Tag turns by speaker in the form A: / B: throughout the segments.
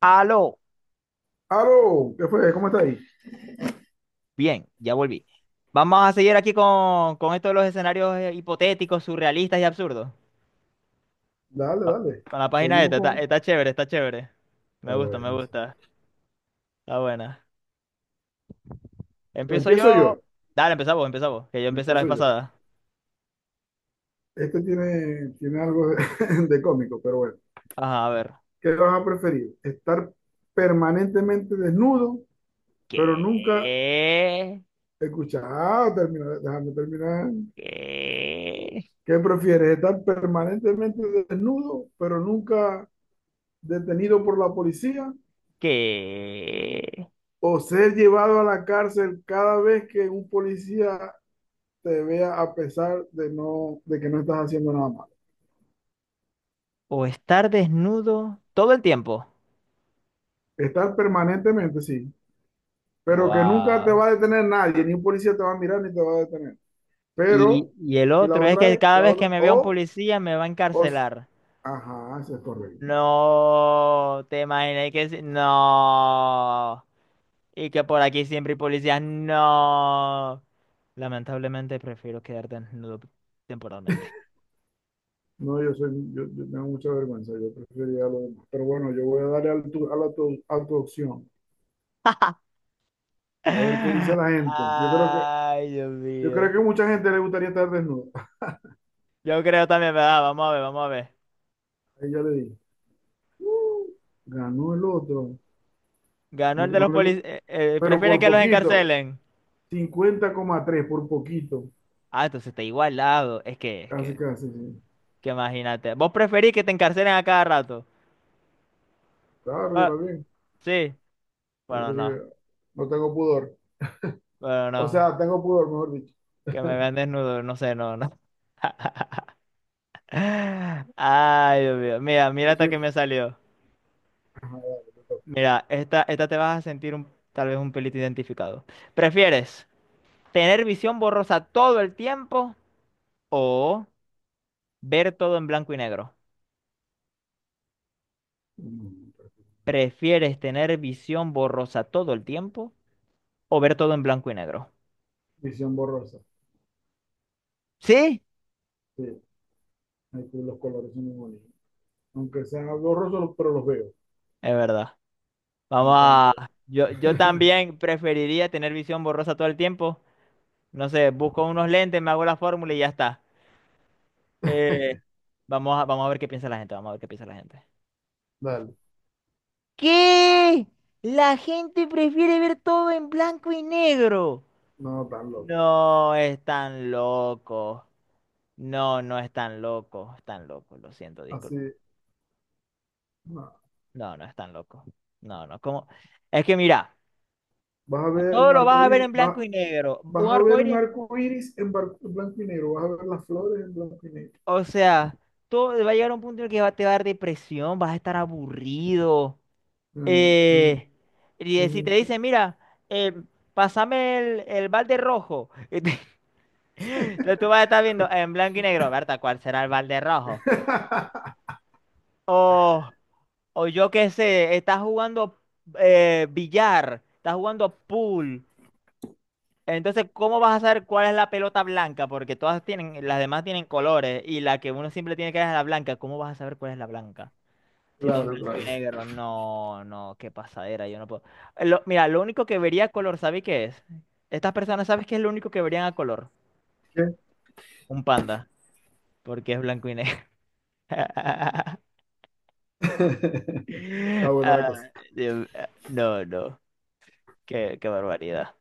A: Aló,
B: Aló, ¿qué fue? ¿Cómo está ahí?
A: bien, ya volví. Vamos a seguir aquí con esto de los escenarios hipotéticos, surrealistas y absurdos.
B: Dale, dale.
A: Con la página
B: Seguimos
A: esta, está,
B: con.
A: está chévere, está chévere.
B: Está
A: Me gusta, me
B: bueno, sí.
A: gusta. Está buena. Empiezo yo.
B: Empiezo yo.
A: Dale, empezamos, empezamos. Que yo empecé la
B: Empiezo
A: vez
B: yo.
A: pasada.
B: Este tiene algo de, de cómico, pero bueno.
A: Ajá, a ver.
B: ¿Qué vas a preferir? ¿Estar permanentemente desnudo, pero nunca
A: ¿Qué?
B: escuchar? Ah, déjame terminar.
A: ¿Qué?
B: ¿Qué prefieres? ¿Estar permanentemente desnudo, pero nunca detenido por la policía?
A: ¿Qué?
B: ¿O ser llevado a la cárcel cada vez que un policía te vea a pesar de que no estás haciendo nada malo?
A: O estar desnudo todo el tiempo.
B: Estar permanentemente, sí, pero que nunca te
A: Wow.
B: va a detener nadie, ni un policía te va a mirar ni te va a detener. Pero,
A: Y el
B: y la
A: otro es
B: otra
A: que
B: es,
A: cada
B: la
A: vez que
B: otra,
A: me vea un
B: o,
A: policía me va a
B: o,
A: encarcelar.
B: ajá, eso es correcto.
A: No, ¿te imaginas que sí? No. Y que por aquí siempre hay policías, no. Lamentablemente prefiero quedar desnudo temporalmente.
B: No, yo tengo mucha vergüenza, yo preferiría lo demás. Pero bueno, yo voy a darle al tu- a la tu- a tu opción, a ver qué dice la gente. Yo creo que,
A: Ay, Dios
B: yo creo
A: mío.
B: que mucha gente le gustaría estar desnuda.
A: Yo creo también, ¿verdad? Vamos a ver, vamos a ver.
B: Ahí ya le dije: "Uh, ganó el otro,
A: Ganó
B: no,
A: el de los policías.
B: pero por
A: Prefieren que los
B: poquito.
A: encarcelen.
B: 50,3, por poquito,
A: Ah, entonces está igualado.
B: casi, casi. Sí.
A: Que imagínate. ¿Vos preferís que te encarcelen a cada rato?
B: Claro, yo
A: Ah,
B: también,
A: sí.
B: sí,
A: Bueno, no.
B: porque no tengo pudor.
A: Bueno,
B: O
A: no.
B: sea, tengo pudor, mejor dicho.
A: Que me vean desnudo, no sé, no, no. Ay, Dios mío. Mira, mira
B: Yo
A: hasta que
B: soy-
A: me salió.
B: Ajá, dale, te toca.
A: Mira, esta te vas a sentir un- tal vez un pelito identificado. ¿Prefieres tener visión borrosa todo el tiempo o ver todo en blanco y negro?
B: Mm,
A: ¿Prefieres tener visión borrosa todo el tiempo o ver todo en blanco y negro?
B: Visión borrosa.
A: Sí,
B: Sí, ahí tú los colores son muy bonitos. Aunque sean borrosos, pero los veo.
A: es verdad. Vamos
B: En cambio,
A: a... Yo también preferiría tener visión borrosa todo el tiempo. No sé, busco unos lentes, me hago la fórmula y ya está. Eh, vamos a, vamos a ver qué piensa la gente, vamos a ver qué piensa la gente. Por favor.
B: dale,
A: ¿Qué? La gente prefiere ver todo en blanco y negro.
B: no tan loco.
A: No, están locos. No, no están locos. Están locos, lo siento,
B: Así,
A: disculpa.
B: no.
A: No, no están locos. No, no, como. Es que mira,
B: Vas a ver
A: todo
B: un
A: lo
B: arco
A: vas a ver
B: iris,
A: en
B: vas,
A: blanco y negro.
B: vas
A: Un
B: a
A: arco
B: ver un
A: iris,
B: arco iris en blanco y negro, vas a ver las flores en blanco y negro.
A: o sea, todo va a llegar a un punto en el que va- te va a dar depresión, vas a estar aburrido.
B: Mm, un-
A: Eh, y si te
B: un-
A: dice, mira, eh, pásame el balde rojo. Entonces tú vas a estar viendo en blanco y negro, Berta, ¿cuál será el balde rojo? O, o yo qué sé, estás jugando billar, estás jugando pool. Entonces, ¿cómo vas a saber cuál es la pelota blanca? Porque todas tienen, las demás tienen colores y la que uno siempre tiene que ver es la blanca. ¿Cómo vas a saber cuál es la blanca? Si todo es
B: Claro,
A: blanco y
B: claro.
A: negro, no, no, qué pasadera, yo no puedo. Lo- mira, lo único que vería a color, ¿sabes qué es? Estas personas, ¿sabes qué es lo único que verían a color?
B: ¿Qué?
A: Un panda, porque es blanco y negro.
B: Está buena
A: Ah,
B: la cosa.
A: Dios- ah, no, no, qué, qué barbaridad.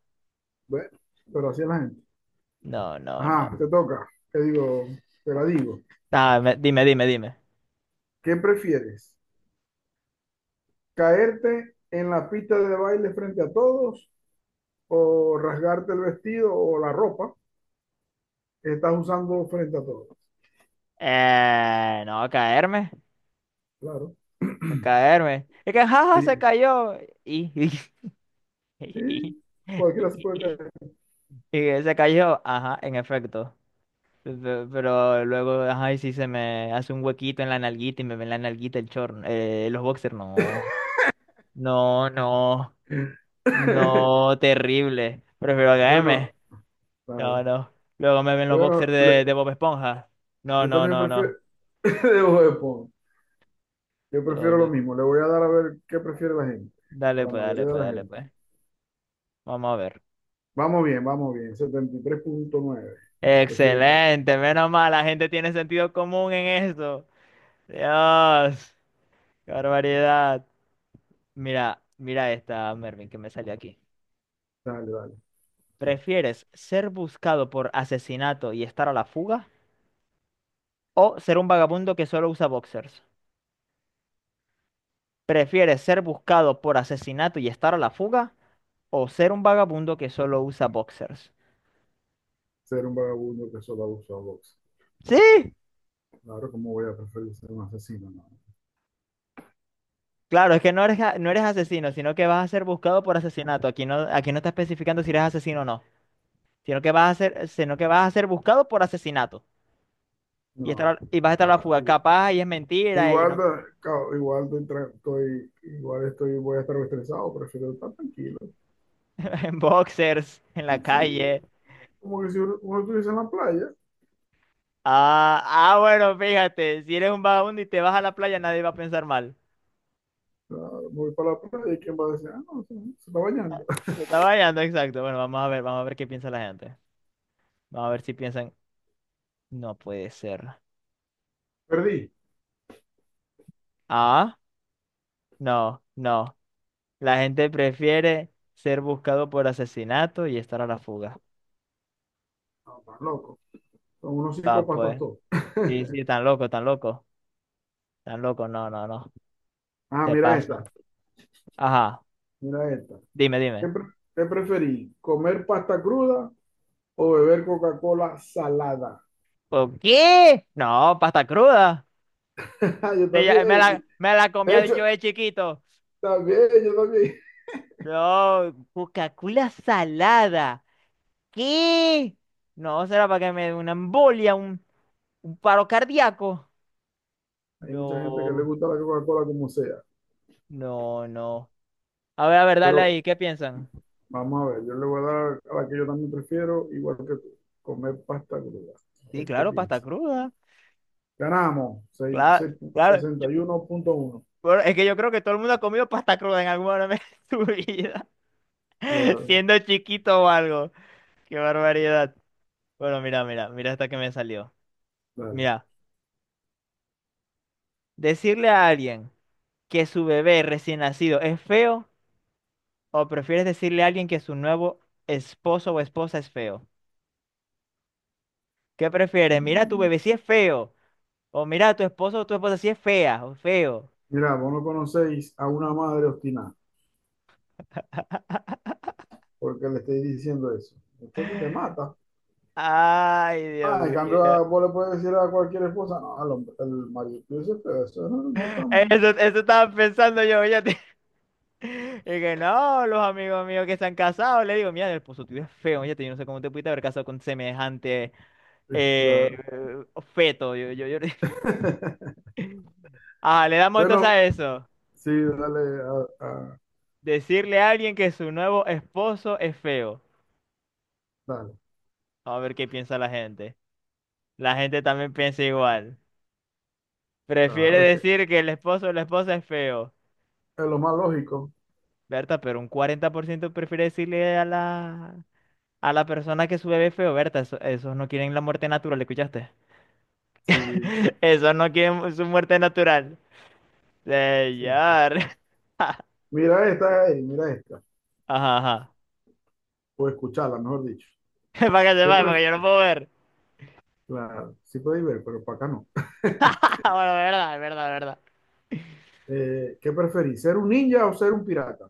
B: Bueno, pero así es la gente.
A: No, no, no.
B: Ajá, te toca. Te la digo.
A: Ah, me- dime, dime, dime.
B: ¿Qué prefieres? ¿Caerte en la pista de baile frente a todos o rasgarte el vestido o la ropa que estás usando frente a todos?
A: No, caerme,
B: Claro,
A: caerme. Es que jaja se
B: diría.
A: cayó. Y, y, y,
B: Sí,
A: y-
B: cualquiera se
A: y-
B: puede caer.
A: y se cayó, ajá, en efecto. Pe- pero luego, ay, y si se me hace un huequito en la nalguita y me ven la nalguita el chorro, los boxers, no, no, no, no, terrible, prefiero
B: Bueno,
A: no,
B: claro.
A: no, luego me ven los boxers
B: Bueno,
A: de Bob Esponja, no,
B: yo
A: no,
B: también
A: no,
B: prefiero
A: no,
B: de Bob Esponja. Yo
A: no,
B: prefiero lo
A: no.
B: mismo. Le voy a dar a ver qué prefiere la gente, o
A: Dale
B: la
A: pues,
B: mayoría de la gente.
A: vamos a ver,
B: Vamos bien, vamos bien. 73.9. Prefiere que.
A: excelente, menos mal, la gente tiene sentido común en eso, Dios, qué barbaridad, mira, mira esta, Mervin, que me salió aquí.
B: Dale, dale.
A: ¿Prefieres ser buscado por asesinato y estar a la fuga? ¿O ser un vagabundo que solo usa boxers? ¿Prefieres ser buscado por asesinato y estar a la fuga? ¿O ser un vagabundo que solo usa boxers?
B: Ser un vagabundo que solo abusa a box.
A: Sí,
B: Claro, ¿cómo voy a preferir ser un asesino? No,
A: claro, es que no eres, a- no eres asesino, sino que vas a ser buscado por asesinato. Aquí no está especificando si eres asesino o no, sino que vas a ser, sino que vas a ser buscado por asesinato y, estar,
B: no,
A: a-
B: pero
A: y vas a estar a la
B: igual,
A: fuga.
B: igual,
A: Capaz y es mentira y
B: igual,
A: no,
B: igual estoy, voy a estar estresado, prefiero estar tranquilo.
A: en boxers, en la
B: Sí,
A: calle.
B: como que si uno estuviese en la playa,
A: Ah, ah, bueno, fíjate, si eres un vagabundo y te vas a la playa, nadie va a pensar mal.
B: claro, me voy para la playa y quién va a decir: "Ah, no, se está
A: Ah,
B: bañando".
A: te está bañando, exacto. Bueno, vamos a ver qué piensa la gente. Vamos a ver si piensan, no puede ser.
B: Perdí.
A: Ah, no, no. La gente prefiere ser buscado por asesinato y estar a la fuga.
B: No, tan loco. Son unos
A: Ah,
B: psicópatas
A: pues.
B: todos.
A: Sí, sí, tan loco, tan loco. Tan loco, no, no, no.
B: Ah,
A: Se
B: mira
A: pasa.
B: esta,
A: Ajá,
B: mira esta.
A: dime,
B: ¿Qué,
A: dime.
B: pre- qué preferí? ¿Comer pasta cruda o beber Coca-Cola salada?
A: ¿Por qué? No, pasta cruda.
B: Yo
A: Sí,
B: también,
A: ya-
B: y-
A: me la
B: de
A: comía
B: hecho,
A: yo de chiquito.
B: yo también.
A: No, Coca-Cola salada. ¿Qué? No, será para que me dé una embolia, un paro cardíaco.
B: Hay mucha gente que le
A: No,
B: gusta la Coca-Cola como sea,
A: no, no. A ver, dale
B: pero
A: ahí, ¿qué piensan?
B: vamos a ver, yo le voy a dar a la que yo también prefiero, igual que tú, comer pasta cruda. A
A: Sí,
B: ver qué
A: claro, pasta
B: piensa.
A: cruda.
B: Ganamos,
A: Claro, claro.
B: 61.1.
A: Bueno, es que yo creo que todo el mundo ha comido pasta cruda en algún momento de su vida,
B: Claro,
A: siendo chiquito o algo. Qué barbaridad. Bueno, mira, mira esta que me salió.
B: claro.
A: Mira, decirle a alguien que su bebé recién nacido es feo. ¿O prefieres decirle a alguien que su nuevo esposo o esposa es feo? ¿Qué prefieres? Mira, tu bebé si es feo. O mira, tu esposo o tu esposa si es fea o feo.
B: Mira, vos no conocéis a una madre obstinada, porque le estoy diciendo eso. Muchacho, te mata.
A: Ay, Dios
B: Ah, en cambio,
A: mío.
B: vos le puedes decir a cualquier esposa, no, al hombre, el marido, yo sé, pero eso no, no es tan.
A: Eso estaba pensando yo, oye. Y que no, los amigos míos que se han casado, le digo, mira, el esposo tuyo es feo, oye, yo no sé cómo te pudiste haber casado con semejante
B: Sí,
A: eh,
B: claro.
A: feto. Ah, le damos entonces
B: Bueno,
A: a eso.
B: sí, dale,
A: Decirle a alguien que su nuevo esposo es feo.
B: dale,
A: A ver qué piensa la gente. La gente también piensa igual.
B: a
A: Prefiere
B: ver qué.
A: decir que el esposo o la esposa es feo.
B: Es lo más lógico.
A: Berta, pero un 40% prefiere decirle a la persona que su bebé es feo. Berta, eso- esos no quieren la muerte natural, ¿escuchaste?
B: Sí,
A: Esos no quieren su muerte natural.
B: sí, sí.
A: Señor.
B: Mira esta, ey, mira esta.
A: Ajá, ajá.
B: O escucharla, mejor dicho.
A: Para que
B: ¿Qué
A: sepa,
B: pref
A: porque yo no puedo ver.
B: Claro, sí podéis ver, pero para acá no.
A: Bueno, es verdad, es verdad.
B: ¿Qué preferís, ser un ninja o ser un pirata?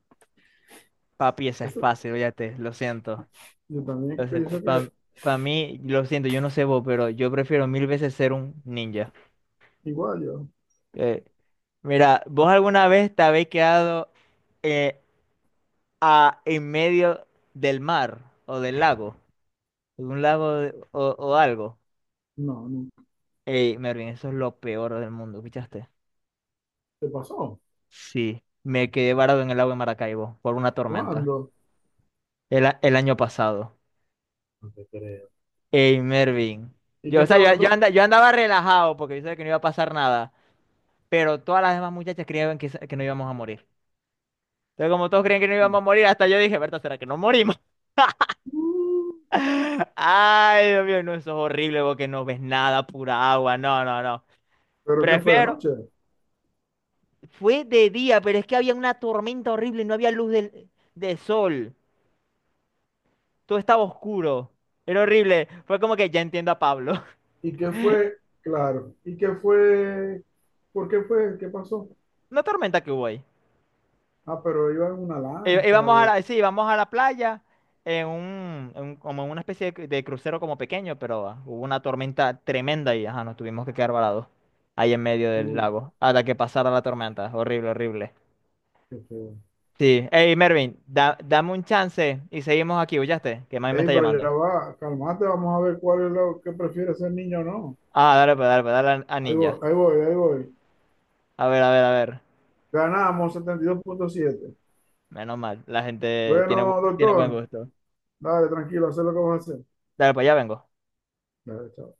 A: Papi, eso es
B: Eso,
A: fácil, fíjate, lo siento.
B: yo también
A: Lo siento.
B: pienso que
A: Pa- para mí, lo siento, yo no sé vos, pero yo prefiero mil veces ser un ninja.
B: igual yo.
A: Eh, Mira, ¿vos alguna vez te habéis quedado eh, a- en medio del mar o del lago? De un lago de- o algo.
B: No, no.
A: Ey, Mervin, eso es lo peor del mundo, ¿escuchaste?
B: ¿Qué pasó?
A: Sí, me quedé varado en el lago de Maracaibo por una tormenta
B: ¿Cuándo?
A: el, a- el año pasado.
B: No te creo.
A: Ey, Mervin.
B: ¿Y
A: Yo,
B: qué
A: o sea, yo,
B: estabas
A: yo,
B: tú?
A: anda- yo andaba relajado porque yo sabía que no iba a pasar nada, pero todas las demás muchachas creían que, se- que no íbamos a morir. Entonces, como todos creían que no íbamos a morir, hasta yo dije, ¿verdad? ¿Será que no morimos?
B: Mm,
A: Ay, Dios mío, no, eso es horrible porque no ves nada, pura agua. No, no, no.
B: ¿Pero qué fue de
A: Prefiero.
B: noche?
A: Fue de día, pero es que había una tormenta horrible, no había luz del, de sol. Todo estaba oscuro. Era horrible. Fue como que ya entiendo a Pablo.
B: ¿Y qué fue? Claro. ¿Y qué fue? ¿Por qué fue? ¿Qué pasó?
A: Una tormenta que hubo ahí.
B: Ah, pero iba en una lancha
A: Íbamos a
B: o.
A: la, sí, íbamos a la playa en un, en- como en una especie de crucero como pequeño, pero ah, hubo una tormenta tremenda y ajá, nos tuvimos que quedar varados ahí en medio del
B: Uy,
A: lago hasta que pasara la tormenta. Horrible, horrible.
B: qué feo.
A: Sí. Hey, Mervin, da- dame un chance y seguimos aquí, ¿oyaste? Que mami me
B: Ey,
A: está
B: pero ya
A: llamando.
B: va, calmate, vamos a ver cuál es lo que prefiere ser niño o no.
A: Ah, dale, pues, dale, pues, dale a
B: Ahí voy,
A: Ninja.
B: ahí voy, ahí voy.
A: A ver, a ver, a ver.
B: Ganamos 72,7.
A: Menos mal, la gente tiene, bu-
B: Bueno,
A: tiene buen
B: doctor,
A: gusto.
B: dale, tranquilo, haz lo que vas a hacer.
A: Dale, pues ya vengo.
B: Dale, chao.